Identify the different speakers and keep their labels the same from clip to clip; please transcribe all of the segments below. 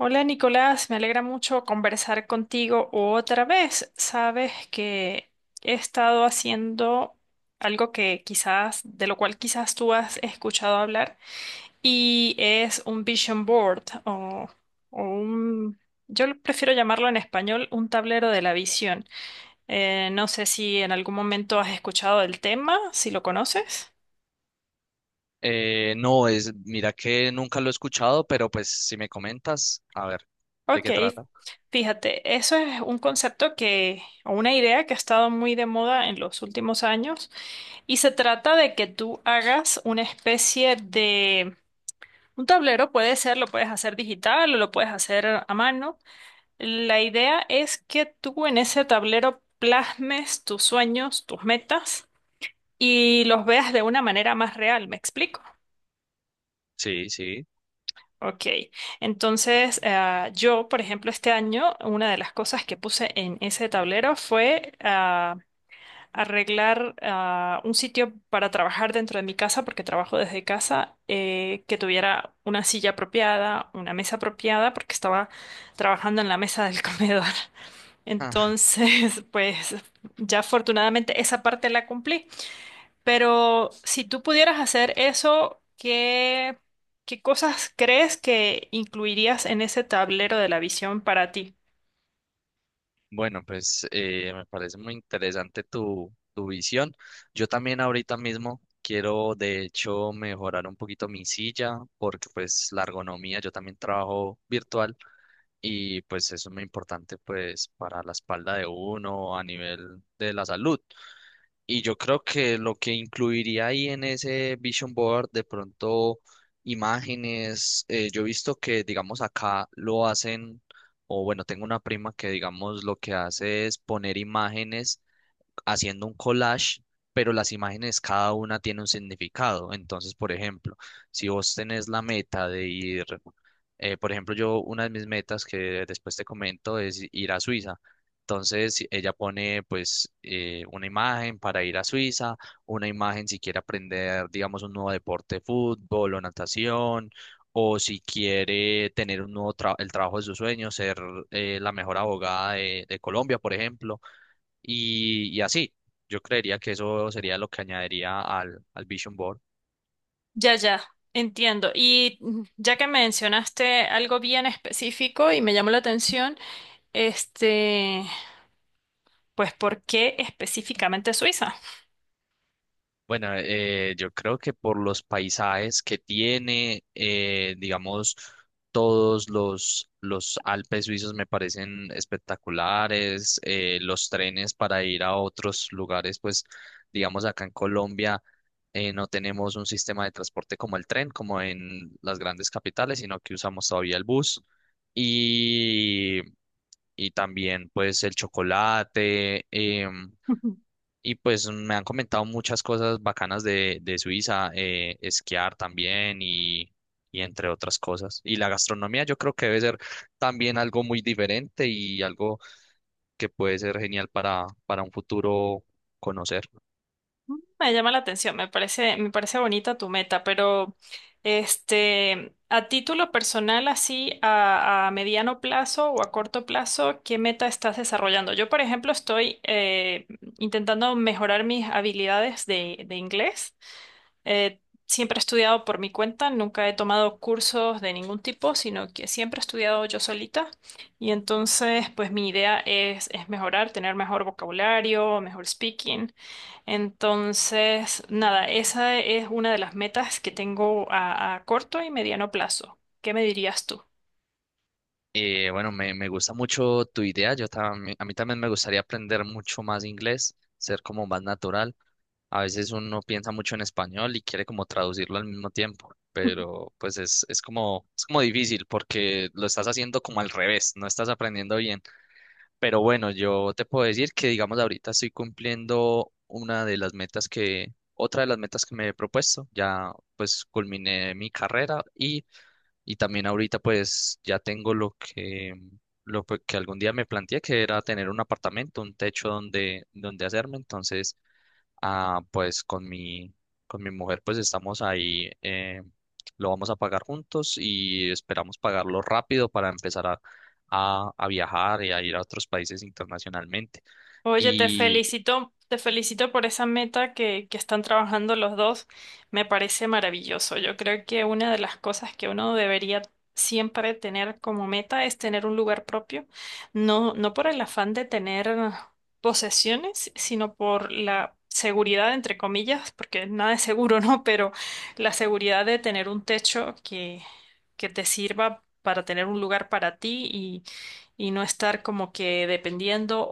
Speaker 1: Hola Nicolás, me alegra mucho conversar contigo otra vez. Sabes que he estado haciendo algo que quizás, de lo cual quizás tú has escuchado hablar, y es un vision board o un, yo lo prefiero llamarlo en español, un tablero de la visión. No sé si en algún momento has escuchado del tema, si lo conoces.
Speaker 2: No, es, mira que nunca lo he escuchado, pero pues si me comentas, a ver, ¿de
Speaker 1: Ok,
Speaker 2: qué trata?
Speaker 1: fíjate, eso es un concepto o una idea que ha estado muy de moda en los últimos años y se trata de que tú hagas una especie de, un tablero puede ser, lo puedes hacer digital o lo puedes hacer a mano. La idea es que tú en ese tablero plasmes tus sueños, tus metas y los veas de una manera más real, ¿me explico?
Speaker 2: Sí, sí.
Speaker 1: Ok, entonces yo, por ejemplo, este año, una de las cosas que puse en ese tablero fue arreglar un sitio para trabajar dentro de mi casa, porque trabajo desde casa, que tuviera una silla apropiada, una mesa apropiada, porque estaba trabajando en la mesa del comedor.
Speaker 2: Ah,
Speaker 1: Entonces, pues ya afortunadamente esa parte la cumplí. Pero si tú pudieras hacer eso, ¿ qué cosas crees que incluirías en ese tablero de la visión para ti?
Speaker 2: bueno, pues me parece muy interesante tu visión. Yo también ahorita mismo quiero, de hecho, mejorar un poquito mi silla, porque pues la ergonomía, yo también trabajo virtual y pues eso es muy importante pues para la espalda de uno a nivel de la salud. Y yo creo que lo que incluiría ahí en ese vision board, de pronto imágenes, yo he visto que, digamos, acá lo hacen, o bueno, tengo una prima que, digamos, lo que hace es poner imágenes haciendo un collage, pero las imágenes cada una tiene un significado. Entonces, por ejemplo, si vos tenés la meta de ir, por ejemplo, yo una de mis metas que después te comento es ir a Suiza. Ella pone pues una imagen para ir a Suiza, una imagen si quiere aprender, digamos, un nuevo deporte, fútbol o natación, o si quiere tener un el trabajo de sus sueños, ser la mejor abogada de Colombia, por ejemplo. Y así, yo creería que eso sería lo que añadiría al Vision Board.
Speaker 1: Ya, ya, entiendo. Y ya que mencionaste algo bien específico y me llamó la atención, este, pues, ¿por qué específicamente Suiza?
Speaker 2: Bueno, yo creo que por los paisajes que tiene, digamos, todos los Alpes suizos me parecen espectaculares, los trenes para ir a otros lugares, pues, digamos, acá en Colombia no tenemos un sistema de transporte como el tren, como en las grandes capitales, sino que usamos todavía el bus. Y y también pues el chocolate. Y pues me han comentado muchas cosas bacanas de Suiza, esquiar también y entre otras cosas. Y la gastronomía yo creo que debe ser también algo muy diferente y algo que puede ser genial para un futuro conocer.
Speaker 1: Me llama la atención, me parece bonita tu meta, pero este, a título personal, así a mediano plazo o a corto plazo, ¿qué meta estás desarrollando? Yo, por ejemplo, estoy intentando mejorar mis habilidades de inglés. Eh, Siempre he estudiado por mi cuenta, nunca he tomado cursos de ningún tipo, sino que siempre he estudiado yo solita. Y entonces, pues mi idea es mejorar, tener mejor vocabulario, mejor speaking. Entonces, nada, esa es una de las metas que tengo a corto y mediano plazo. ¿Qué me dirías tú?
Speaker 2: Bueno, me gusta mucho tu idea. Yo también, a mí también me gustaría aprender mucho más inglés, ser como más natural. A veces uno piensa mucho en español y quiere como traducirlo al mismo tiempo, pero pues es como difícil porque lo estás haciendo como al revés, no estás aprendiendo bien. Pero bueno, yo te puedo decir que digamos ahorita estoy cumpliendo una de las metas que, otra de las metas que me he propuesto. Ya pues culminé mi carrera y también ahorita pues ya tengo lo que, que algún día me planteé, que era tener un apartamento, un techo donde, donde hacerme. Entonces, ah, pues con mi mujer pues estamos ahí, lo vamos a pagar juntos y esperamos pagarlo rápido para empezar a viajar y a ir a otros países internacionalmente.
Speaker 1: Oye,
Speaker 2: Y
Speaker 1: te felicito por esa meta que están trabajando los dos. Me parece maravilloso. Yo creo que una de las cosas que uno debería siempre tener como meta es tener un lugar propio, no, no por el afán de tener posesiones, sino por la seguridad, entre comillas, porque nada es seguro, ¿no? Pero la seguridad de tener un techo que te sirva para tener un lugar para ti y no estar como que dependiendo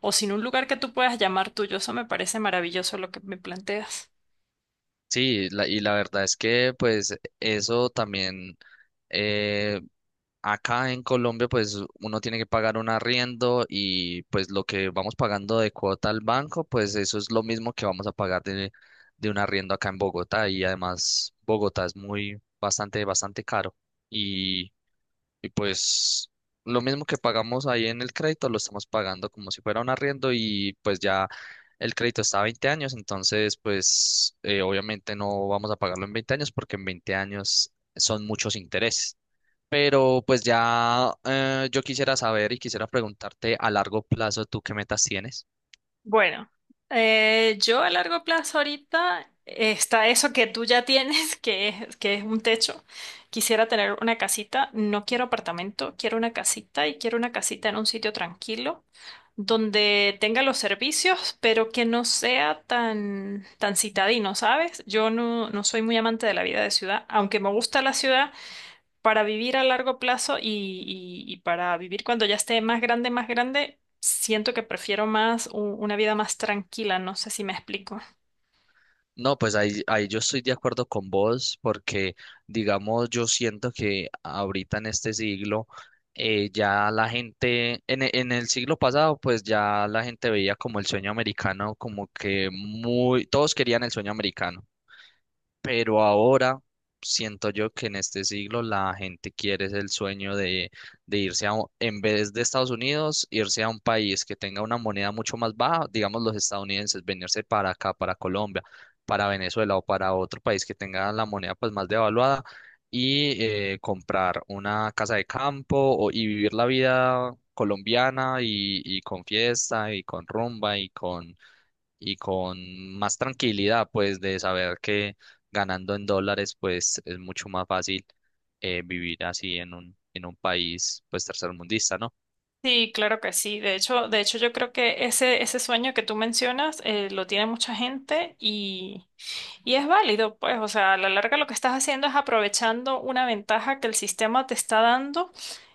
Speaker 1: o sin un lugar que tú puedas llamar tuyo. Eso me parece maravilloso lo que me planteas.
Speaker 2: sí, y la verdad es que pues eso también eh, acá en Colombia pues uno tiene que pagar un arriendo y pues lo que vamos pagando de cuota al banco pues eso es lo mismo que vamos a pagar de un arriendo acá en Bogotá y además Bogotá es muy bastante bastante caro y pues lo mismo que pagamos ahí en el crédito, lo estamos pagando como si fuera un arriendo y pues ya el crédito está a 20 años, entonces pues obviamente no vamos a pagarlo en 20 años porque en 20 años son muchos intereses. Pero pues ya yo quisiera saber y quisiera preguntarte a largo plazo, ¿tú qué metas tienes?
Speaker 1: Bueno, yo a largo plazo ahorita está eso que tú ya tienes, que es un techo. Quisiera tener una casita, no quiero apartamento, quiero una casita y quiero una casita en un sitio tranquilo, donde tenga los servicios, pero que no sea tan, tan citadino, ¿sabes? Yo no, no soy muy amante de la vida de ciudad, aunque me gusta la ciudad. Para vivir a largo plazo y para vivir cuando ya esté más grande, siento que prefiero más una vida más tranquila, no sé si me explico.
Speaker 2: No, pues ahí yo estoy de acuerdo con vos porque, digamos, yo siento que ahorita en este siglo ya la gente, en el siglo pasado, pues ya la gente veía como el sueño americano, como que muy, todos querían el sueño americano. Pero ahora siento yo que en este siglo la gente quiere es el sueño de irse a, en vez de Estados Unidos, irse a un país que tenga una moneda mucho más baja, digamos los estadounidenses, venirse para acá, para Colombia, para Venezuela o para otro país que tenga la moneda pues más devaluada y comprar una casa de campo y vivir la vida colombiana y con fiesta y con rumba y con más tranquilidad, pues, de saber que ganando en dólares, pues, es mucho más fácil vivir así en un país, pues, tercermundista, ¿no?
Speaker 1: Sí, claro que sí. De hecho yo creo que ese sueño que tú mencionas lo tiene mucha gente y es válido, pues, o sea, a la larga lo que estás haciendo es aprovechando una ventaja que el sistema te está dando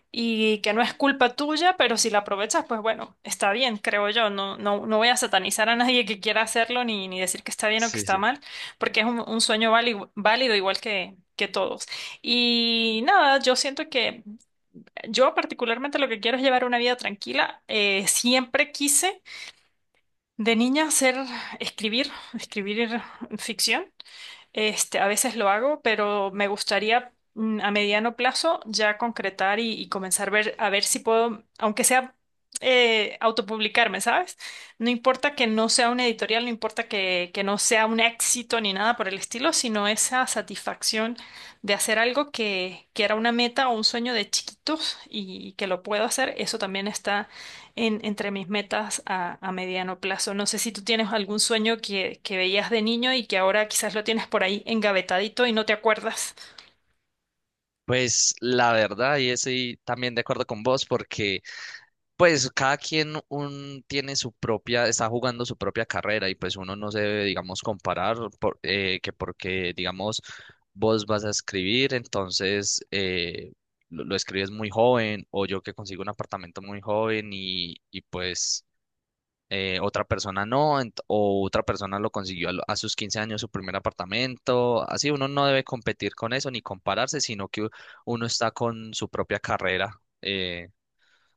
Speaker 1: y que no es culpa tuya, pero si la aprovechas, pues bueno, está bien, creo yo. No, no, no voy a satanizar a nadie que quiera hacerlo ni decir que está bien o que
Speaker 2: Sí,
Speaker 1: está
Speaker 2: sí.
Speaker 1: mal, porque es un sueño válido, válido igual que todos. Y nada, yo siento que yo particularmente lo que quiero es llevar una vida tranquila. Siempre quise de niña hacer, escribir, escribir ficción. Este, a veces lo hago, pero me gustaría a mediano plazo ya concretar y comenzar a ver si puedo, aunque sea autopublicarme, ¿sabes? No importa que no sea una editorial, no importa que no sea un éxito ni nada por el estilo, sino esa satisfacción de hacer algo que era una meta o un sueño de chiquitos que lo puedo hacer, eso también está entre mis metas a mediano plazo. No sé si tú tienes algún sueño que veías de niño y que ahora quizás lo tienes por ahí engavetadito y no te acuerdas.
Speaker 2: Pues, la verdad, y estoy también de acuerdo con vos, porque pues cada quien un, tiene su propia, está jugando su propia carrera y pues uno no se debe, digamos, que porque, digamos, vos vas a escribir, entonces lo escribes muy joven o yo que consigo un apartamento muy joven y pues otra persona no, o otra persona lo consiguió a, a sus 15 años su primer apartamento, así uno no debe competir con eso ni compararse, sino que uno está con su propia carrera. eh,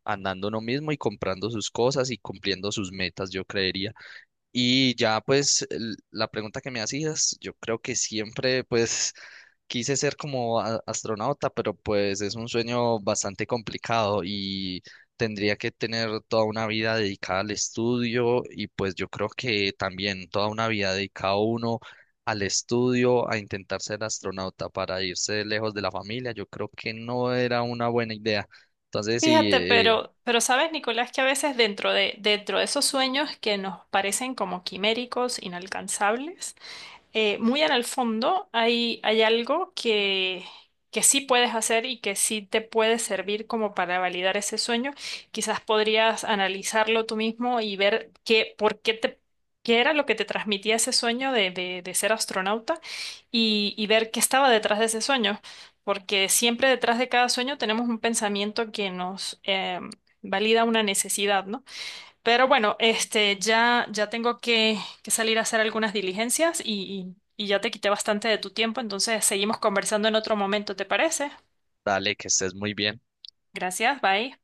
Speaker 2: Andando uno mismo y comprando sus cosas y cumpliendo sus metas, yo creería. Y ya pues la pregunta que me hacías, yo creo que siempre pues quise ser como astronauta, pero pues es un sueño bastante complicado y tendría que tener toda una vida dedicada al estudio y pues yo creo que también toda una vida dedicada uno al estudio, a intentar ser astronauta para irse lejos de la familia, yo creo que no era una buena idea. Entonces, sí,
Speaker 1: Fíjate, pero sabes, Nicolás, que a veces dentro dentro de esos sueños que nos parecen como quiméricos, inalcanzables, muy en el fondo hay algo que sí puedes hacer y que sí te puede servir como para validar ese sueño. Quizás podrías analizarlo tú mismo y ver por qué qué era lo que te transmitía ese sueño de ser astronauta y ver qué estaba detrás de ese sueño. Porque siempre detrás de cada sueño tenemos un pensamiento que nos em, valida una necesidad, ¿no? Pero bueno, este, ya, ya tengo que salir a hacer algunas diligencias y ya te quité bastante de tu tiempo, entonces seguimos conversando en otro momento, ¿te parece?
Speaker 2: dale, que estés muy bien.
Speaker 1: Gracias, bye.